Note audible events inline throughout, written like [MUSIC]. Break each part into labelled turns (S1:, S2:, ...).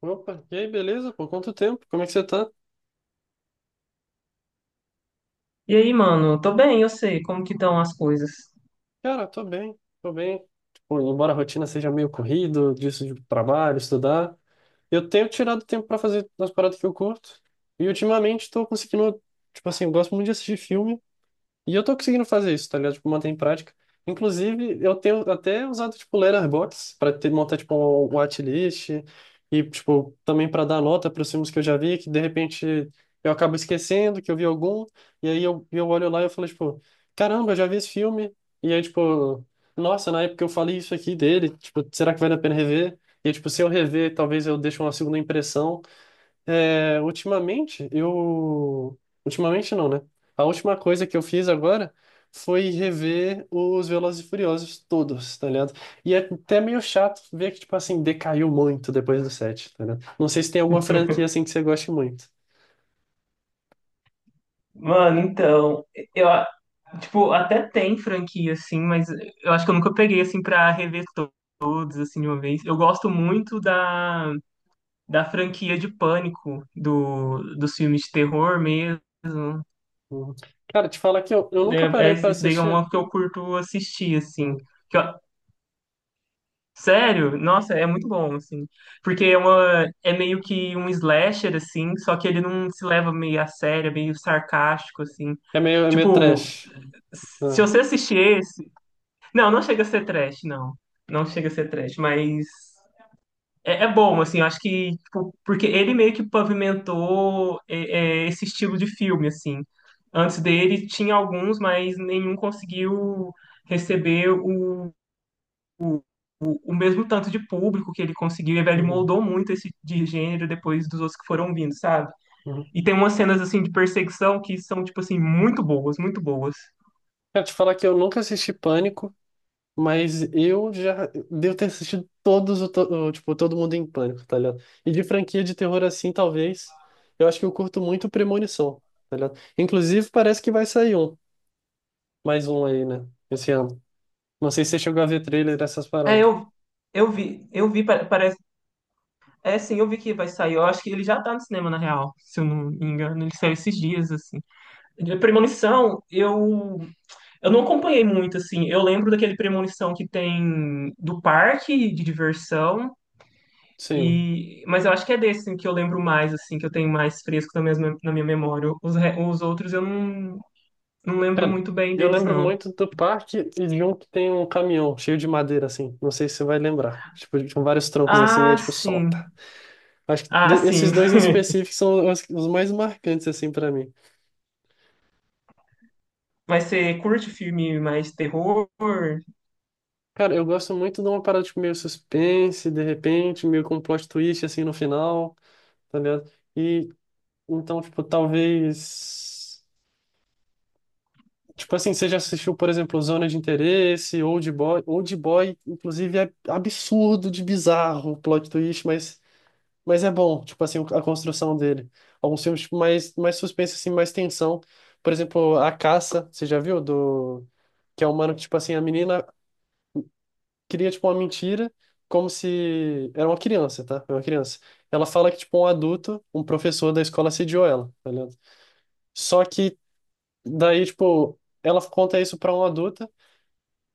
S1: Opa, e aí, beleza? Por quanto tempo? Como é que você tá?
S2: E aí, mano, tô bem, eu sei como que estão as coisas.
S1: Cara, tô bem, tô bem. Tipo, embora a rotina seja meio corrido, disso de trabalho, estudar, eu tenho tirado tempo pra fazer as paradas que eu curto. E ultimamente tô conseguindo, tipo assim, eu gosto muito de assistir filme. E eu tô conseguindo fazer isso, tá ligado? Tipo, manter em prática. Inclusive, eu tenho até usado, tipo, letter box para ter, montar, tipo, um watchlist e, tipo, também para dar nota para os filmes que eu já vi, que de repente eu acabo esquecendo que eu vi algum, e aí eu olho lá e eu falo, tipo, caramba, eu já vi esse filme, e aí, tipo, nossa, na época eu falei isso aqui dele, tipo, será que vale a pena rever? E, tipo, se eu rever, talvez eu deixe uma segunda impressão, é, ultimamente, eu. Ultimamente não, né? A última coisa que eu fiz agora foi rever os Velozes e Furiosos todos, tá ligado? E é até meio chato ver que, tipo assim, decaiu muito depois do 7, tá ligado? Não sei se tem alguma franquia assim que você goste muito.
S2: Mano, então, eu, a- tipo, até tem franquia, assim, mas eu acho que eu nunca peguei, assim, pra rever todos, assim, de uma vez. Eu gosto muito da franquia de Pânico, dos filmes de terror mesmo.
S1: Uhum. Cara, te falar que eu
S2: É,
S1: nunca parei para
S2: esse daí é
S1: assistir.
S2: uma que eu curto assistir, assim.
S1: Uhum.
S2: Que eu, sério? Nossa, é muito bom, assim. Porque é meio que um slasher, assim, só que ele não se leva meio a sério, é meio sarcástico, assim.
S1: É meio
S2: Tipo,
S1: trash.
S2: se
S1: Né?
S2: você assistir esse. Não, não chega a ser trash, não. Não chega a ser trash, mas é bom, assim, eu acho que tipo, porque ele meio que pavimentou esse estilo de filme, assim. Antes dele tinha alguns, mas nenhum conseguiu receber o mesmo tanto de público que ele conseguiu, e ele
S1: Uhum.
S2: moldou muito esse de gênero depois dos outros que foram vindo, sabe?
S1: Uhum.
S2: E tem umas cenas assim de perseguição que são tipo assim muito boas, muito boas.
S1: Cara, te falar que eu nunca assisti Pânico. Mas eu já devo ter assistido todos, tipo, Todo Mundo em Pânico, tá ligado? E de franquia de terror assim, talvez, eu acho que eu curto muito Premonição, tá ligado? Inclusive, parece que vai sair um, mais um aí, né? Esse ano. Não sei se você chegou a ver trailer dessas
S2: É,
S1: paradas.
S2: eu vi parece é sim, eu vi que vai sair. Eu acho que ele já tá no cinema na real, se eu não me engano, ele saiu esses dias assim. De Premonição, eu não acompanhei muito assim. Eu lembro daquele Premonição que tem do parque de diversão.
S1: Sim.
S2: E, mas eu acho que é desse assim, que eu lembro mais, assim, que eu tenho mais fresco na na minha memória. Os, os outros eu não, não lembro
S1: Cara,
S2: muito bem
S1: eu
S2: deles,
S1: lembro
S2: não.
S1: muito do parque e de um que tem um caminhão cheio de madeira, assim. Não sei se você vai lembrar. Tipo, com vários troncos assim, e aí,
S2: Ah,
S1: tipo, solta.
S2: sim.
S1: Acho que
S2: Ah,
S1: esses
S2: sim.
S1: dois em
S2: [LAUGHS]
S1: específico são os mais marcantes, assim, pra mim.
S2: Mas você curte filme mais terror?
S1: Cara, eu gosto muito de uma parada tipo, meio suspense, de repente, meio com um plot twist assim no final, tá ligado? E então, tipo, talvez. Tipo assim, você já assistiu, por exemplo, Zona de Interesse, Old Boy. Old Boy, inclusive, é absurdo de bizarro o plot twist, mas é bom, tipo assim, a construção dele. Alguns filmes tipo, mais suspense, assim, mais tensão. Por exemplo, A Caça, você já viu? Do... Que é um mano que, tipo assim, a menina cria, tipo, uma mentira, como se... Era uma criança, tá? Era uma criança. Ela fala que, tipo, um adulto, um professor da escola assediou ela, tá ligado? Só que daí, tipo, ela conta isso pra uma adulta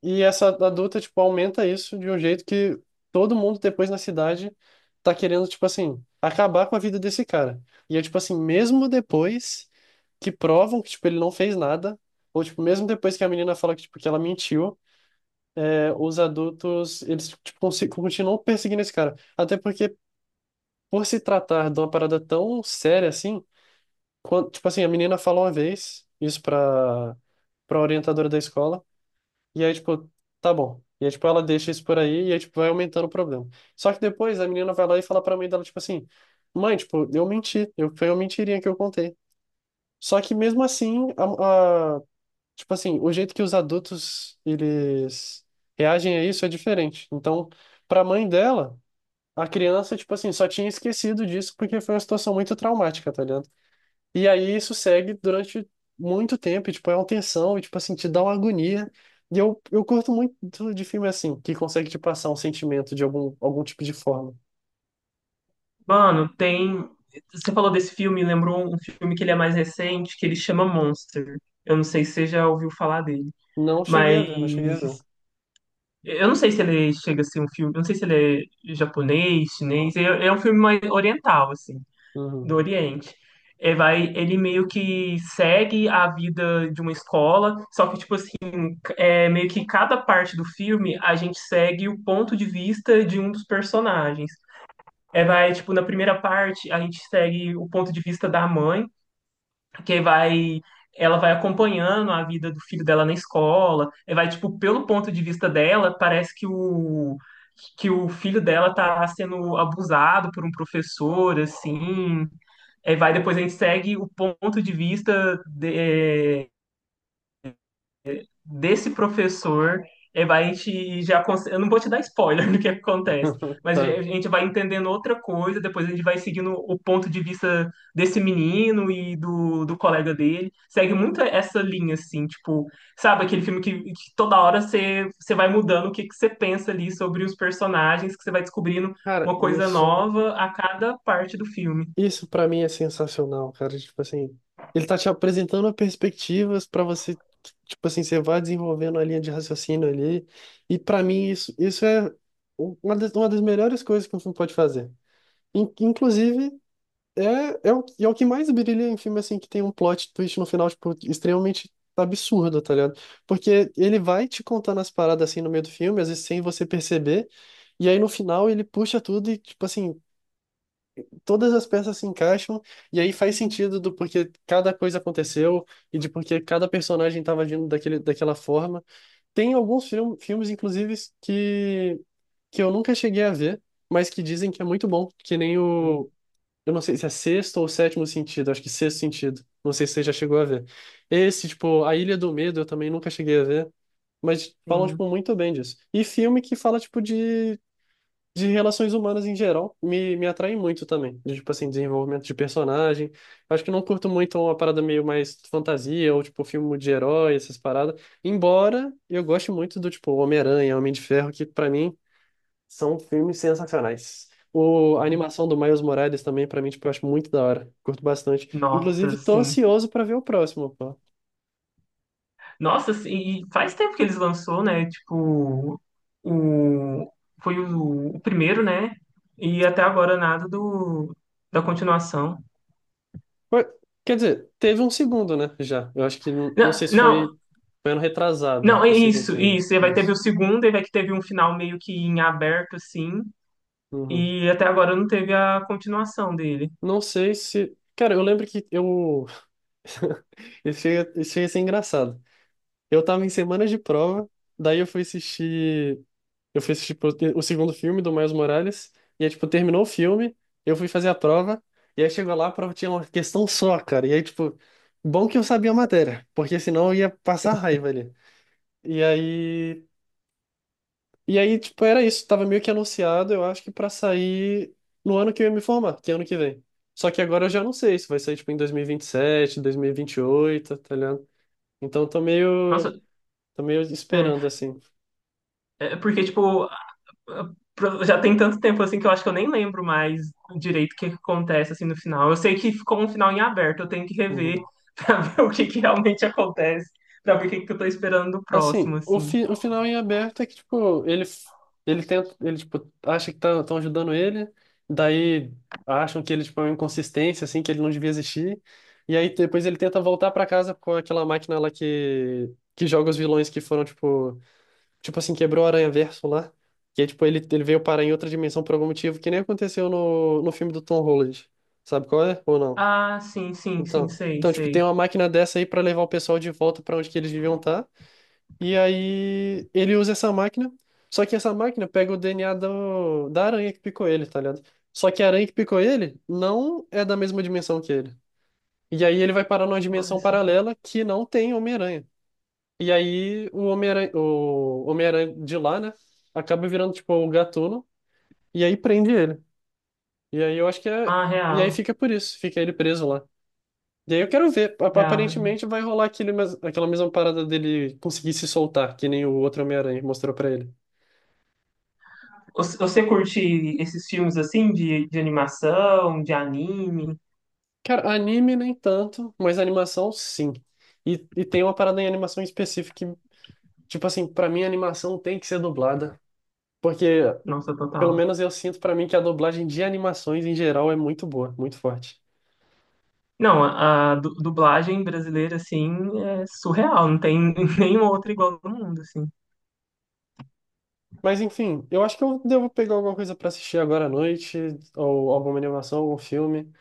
S1: e essa adulta, tipo, aumenta isso de um jeito que todo mundo depois na cidade tá querendo, tipo assim, acabar com a vida desse cara. E é, tipo assim, mesmo depois que provam que, tipo, ele não fez nada, ou, tipo, mesmo depois que a menina fala que, tipo, que ela mentiu, os adultos, eles tipo, continuam perseguindo esse cara. Até porque, por se tratar de uma parada tão séria assim, tipo assim, a menina falou uma vez isso pra orientadora da escola, e aí, tipo, tá bom. E aí, tipo, ela deixa isso por aí, e aí, tipo, vai aumentando o problema. Só que depois a menina vai lá e fala pra mãe dela, tipo assim, mãe, tipo, eu menti, eu, foi uma mentirinha que eu contei. Só que mesmo assim, a, tipo assim, o jeito que os adultos eles reagem a isso é diferente. Então, para a mãe dela, a criança, tipo assim, só tinha esquecido disso porque foi uma situação muito traumática, tá ligado? E aí isso segue durante muito tempo, e, tipo, é uma tensão, e, tipo assim, te dá uma agonia. E eu curto muito de filme assim, que consegue te passar um sentimento de algum, algum tipo de forma.
S2: Mano, tem. Você falou desse filme, lembrou um filme que ele é mais recente, que ele chama Monster. Eu não sei se você já ouviu falar dele.
S1: Não cheguei a ver, não cheguei a ver.
S2: Mas eu não sei se ele chega a ser um filme. Eu não sei se ele é japonês, chinês. É um filme mais oriental, assim. Do
S1: Uhum.
S2: Oriente. Ele meio que segue a vida de uma escola, só que tipo assim, é meio que cada parte do filme a gente segue o ponto de vista de um dos personagens. É, vai, tipo, na primeira parte a gente segue o ponto de vista da mãe, que vai ela vai acompanhando a vida do filho dela na escola, e vai, tipo, pelo ponto de vista dela, parece que que o filho dela tá sendo abusado por um professor, assim. Aí vai, depois a gente segue o ponto de vista desse professor. Aí vai, a gente já. Cons- eu não vou te dar spoiler [LAUGHS] do que acontece,
S1: [LAUGHS]
S2: mas a
S1: Tá.
S2: gente vai entendendo outra coisa, depois a gente vai seguindo o ponto de vista desse menino e do, do colega dele. Segue muito essa linha, assim, tipo, sabe, aquele filme que toda hora você, você vai mudando o que, que você pensa ali sobre os personagens, que você vai descobrindo
S1: Cara,
S2: uma coisa
S1: isso.
S2: nova a cada parte do filme.
S1: Isso pra mim é sensacional, cara. Tipo assim, ele tá te apresentando perspectivas pra você, tipo assim, você vai desenvolvendo a linha de raciocínio ali. E pra mim isso é um, uma das melhores coisas que um filme pode fazer. Inclusive, é o que mais brilha em filme assim que tem um plot twist no final, tipo, extremamente absurdo, tá ligado? Porque ele vai te contando as paradas assim no meio do filme, às vezes sem você perceber. E aí no final ele puxa tudo e, tipo assim, todas as peças se encaixam e aí faz sentido do porquê cada coisa aconteceu e de porquê cada personagem estava agindo daquele, daquela forma. Tem alguns filmes, inclusive, que, que eu nunca cheguei a ver, mas que dizem que é muito bom, que nem o. Eu não sei se é sexto ou sétimo sentido, acho que sexto sentido. Não sei se você já chegou a ver. Esse, tipo, A Ilha do Medo, eu também nunca cheguei a ver. Mas falam,
S2: Sim.
S1: tipo, muito bem disso. E filme que fala, tipo, de relações humanas em geral me, me atraem muito também. De, tipo assim, desenvolvimento de personagem. Acho que não curto muito uma parada meio mais fantasia ou tipo filme de herói, essas paradas. Embora eu goste muito do tipo Homem-Aranha, Homem de Ferro, que pra mim são filmes sensacionais. O, a animação do Miles Morales também, pra mim, tipo, eu acho muito da hora. Curto bastante. Inclusive,
S2: Nossa,
S1: tô
S2: sim.
S1: ansioso pra ver o próximo, pô.
S2: Nossa, sim, e faz tempo que eles lançou, né? Tipo, o foi o primeiro, né? E até agora nada do da continuação.
S1: Foi- Quer dizer, teve um segundo, né? Já. Eu acho que, não
S2: Não,
S1: sei se
S2: não,
S1: foi, foi ano retrasado,
S2: não, é
S1: o segundo
S2: isso,
S1: filme.
S2: isso. E vai teve
S1: Isso.
S2: o segundo, e vai que teve um final meio que em aberto, assim.
S1: Uhum.
S2: E até agora não teve a continuação dele.
S1: Não sei se. Cara, eu lembro que eu. [LAUGHS] Isso ia ser engraçado. Eu tava em semana de prova, daí eu fui assistir. Eu fui assistir tipo, o segundo filme do Miles Morales, e aí, tipo, terminou o filme, eu fui fazer a prova, e aí chegou lá, a prova tinha uma questão só, cara. E aí, tipo, bom que eu sabia a matéria, porque senão eu ia passar raiva ali. E aí. E aí, tipo, era isso. Tava meio que anunciado, eu acho que pra sair no ano que eu ia me formar, que é ano que vem. Só que agora eu já não sei se vai sair, tipo, em 2027, 2028, tá ligado? Então eu
S2: Nossa,
S1: tô meio
S2: é,
S1: esperando, assim.
S2: é porque, tipo, já tem tanto tempo assim que eu acho que eu nem lembro mais direito o que que acontece assim no final. Eu sei que ficou um final em aberto, eu tenho que rever
S1: Uhum.
S2: [LAUGHS] pra ver o que que realmente acontece, pra ver o que que eu tô esperando do
S1: Assim,
S2: próximo
S1: o,
S2: assim.
S1: fi, o final em aberto é que, tipo, ele, ele tenta, ele, tipo, acha que tá, tão ajudando ele, daí acham que ele, tipo, é uma inconsistência, assim, que ele não devia existir. E aí depois ele tenta voltar pra casa com aquela máquina lá que joga os vilões que foram, tipo, tipo assim, quebrou o Aranha-Verso lá. Que é, tipo, ele veio parar em outra dimensão por algum motivo, que nem aconteceu no filme do Tom Holland. Sabe qual é? Ou não?
S2: Ah, sim, sim, sim,
S1: Então,
S2: sei,
S1: então, tipo, tem
S2: sei.
S1: uma máquina dessa aí pra levar o pessoal de volta pra onde que eles deviam estar. E aí ele usa essa máquina, só que essa máquina pega o DNA da aranha que picou ele, tá ligado? Só que a aranha que picou ele não é da mesma dimensão que ele. E aí ele vai parar numa
S2: Ah,
S1: dimensão
S2: isso aqui.
S1: paralela que não tem Homem-Aranha. E aí o Homem-Aranha de lá, né? Acaba virando, tipo, o Gatuno. E aí prende ele. E aí eu acho que é.
S2: Ah,
S1: E aí
S2: real,
S1: fica por isso, fica ele preso lá. E aí eu quero ver.
S2: real.
S1: Aparentemente vai rolar aquele, aquela mesma parada dele conseguir se soltar, que nem o outro Homem-Aranha mostrou pra ele.
S2: Você curte esses filmes assim de animação, de anime?
S1: Cara, anime nem tanto, mas animação sim. E tem uma parada em animação específica que, tipo assim, pra mim a animação tem que ser dublada. Porque,
S2: Nossa,
S1: pelo
S2: total.
S1: menos eu sinto pra mim que a dublagem de animações em geral é muito boa, muito forte.
S2: Não, a dublagem brasileira assim é surreal, não tem [LAUGHS] nenhuma outra igual no mundo assim.
S1: Mas enfim, eu acho que eu devo pegar alguma coisa pra assistir agora à noite, ou alguma animação, algum filme.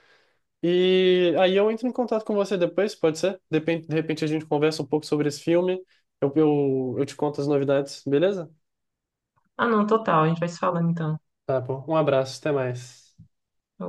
S1: E aí eu entro em contato com você depois, pode ser? De repente a gente conversa um pouco sobre esse filme. Eu te conto as novidades, beleza?
S2: Ah, não, total. A gente vai se falando então.
S1: Tá bom. Um abraço, até mais.
S2: Eu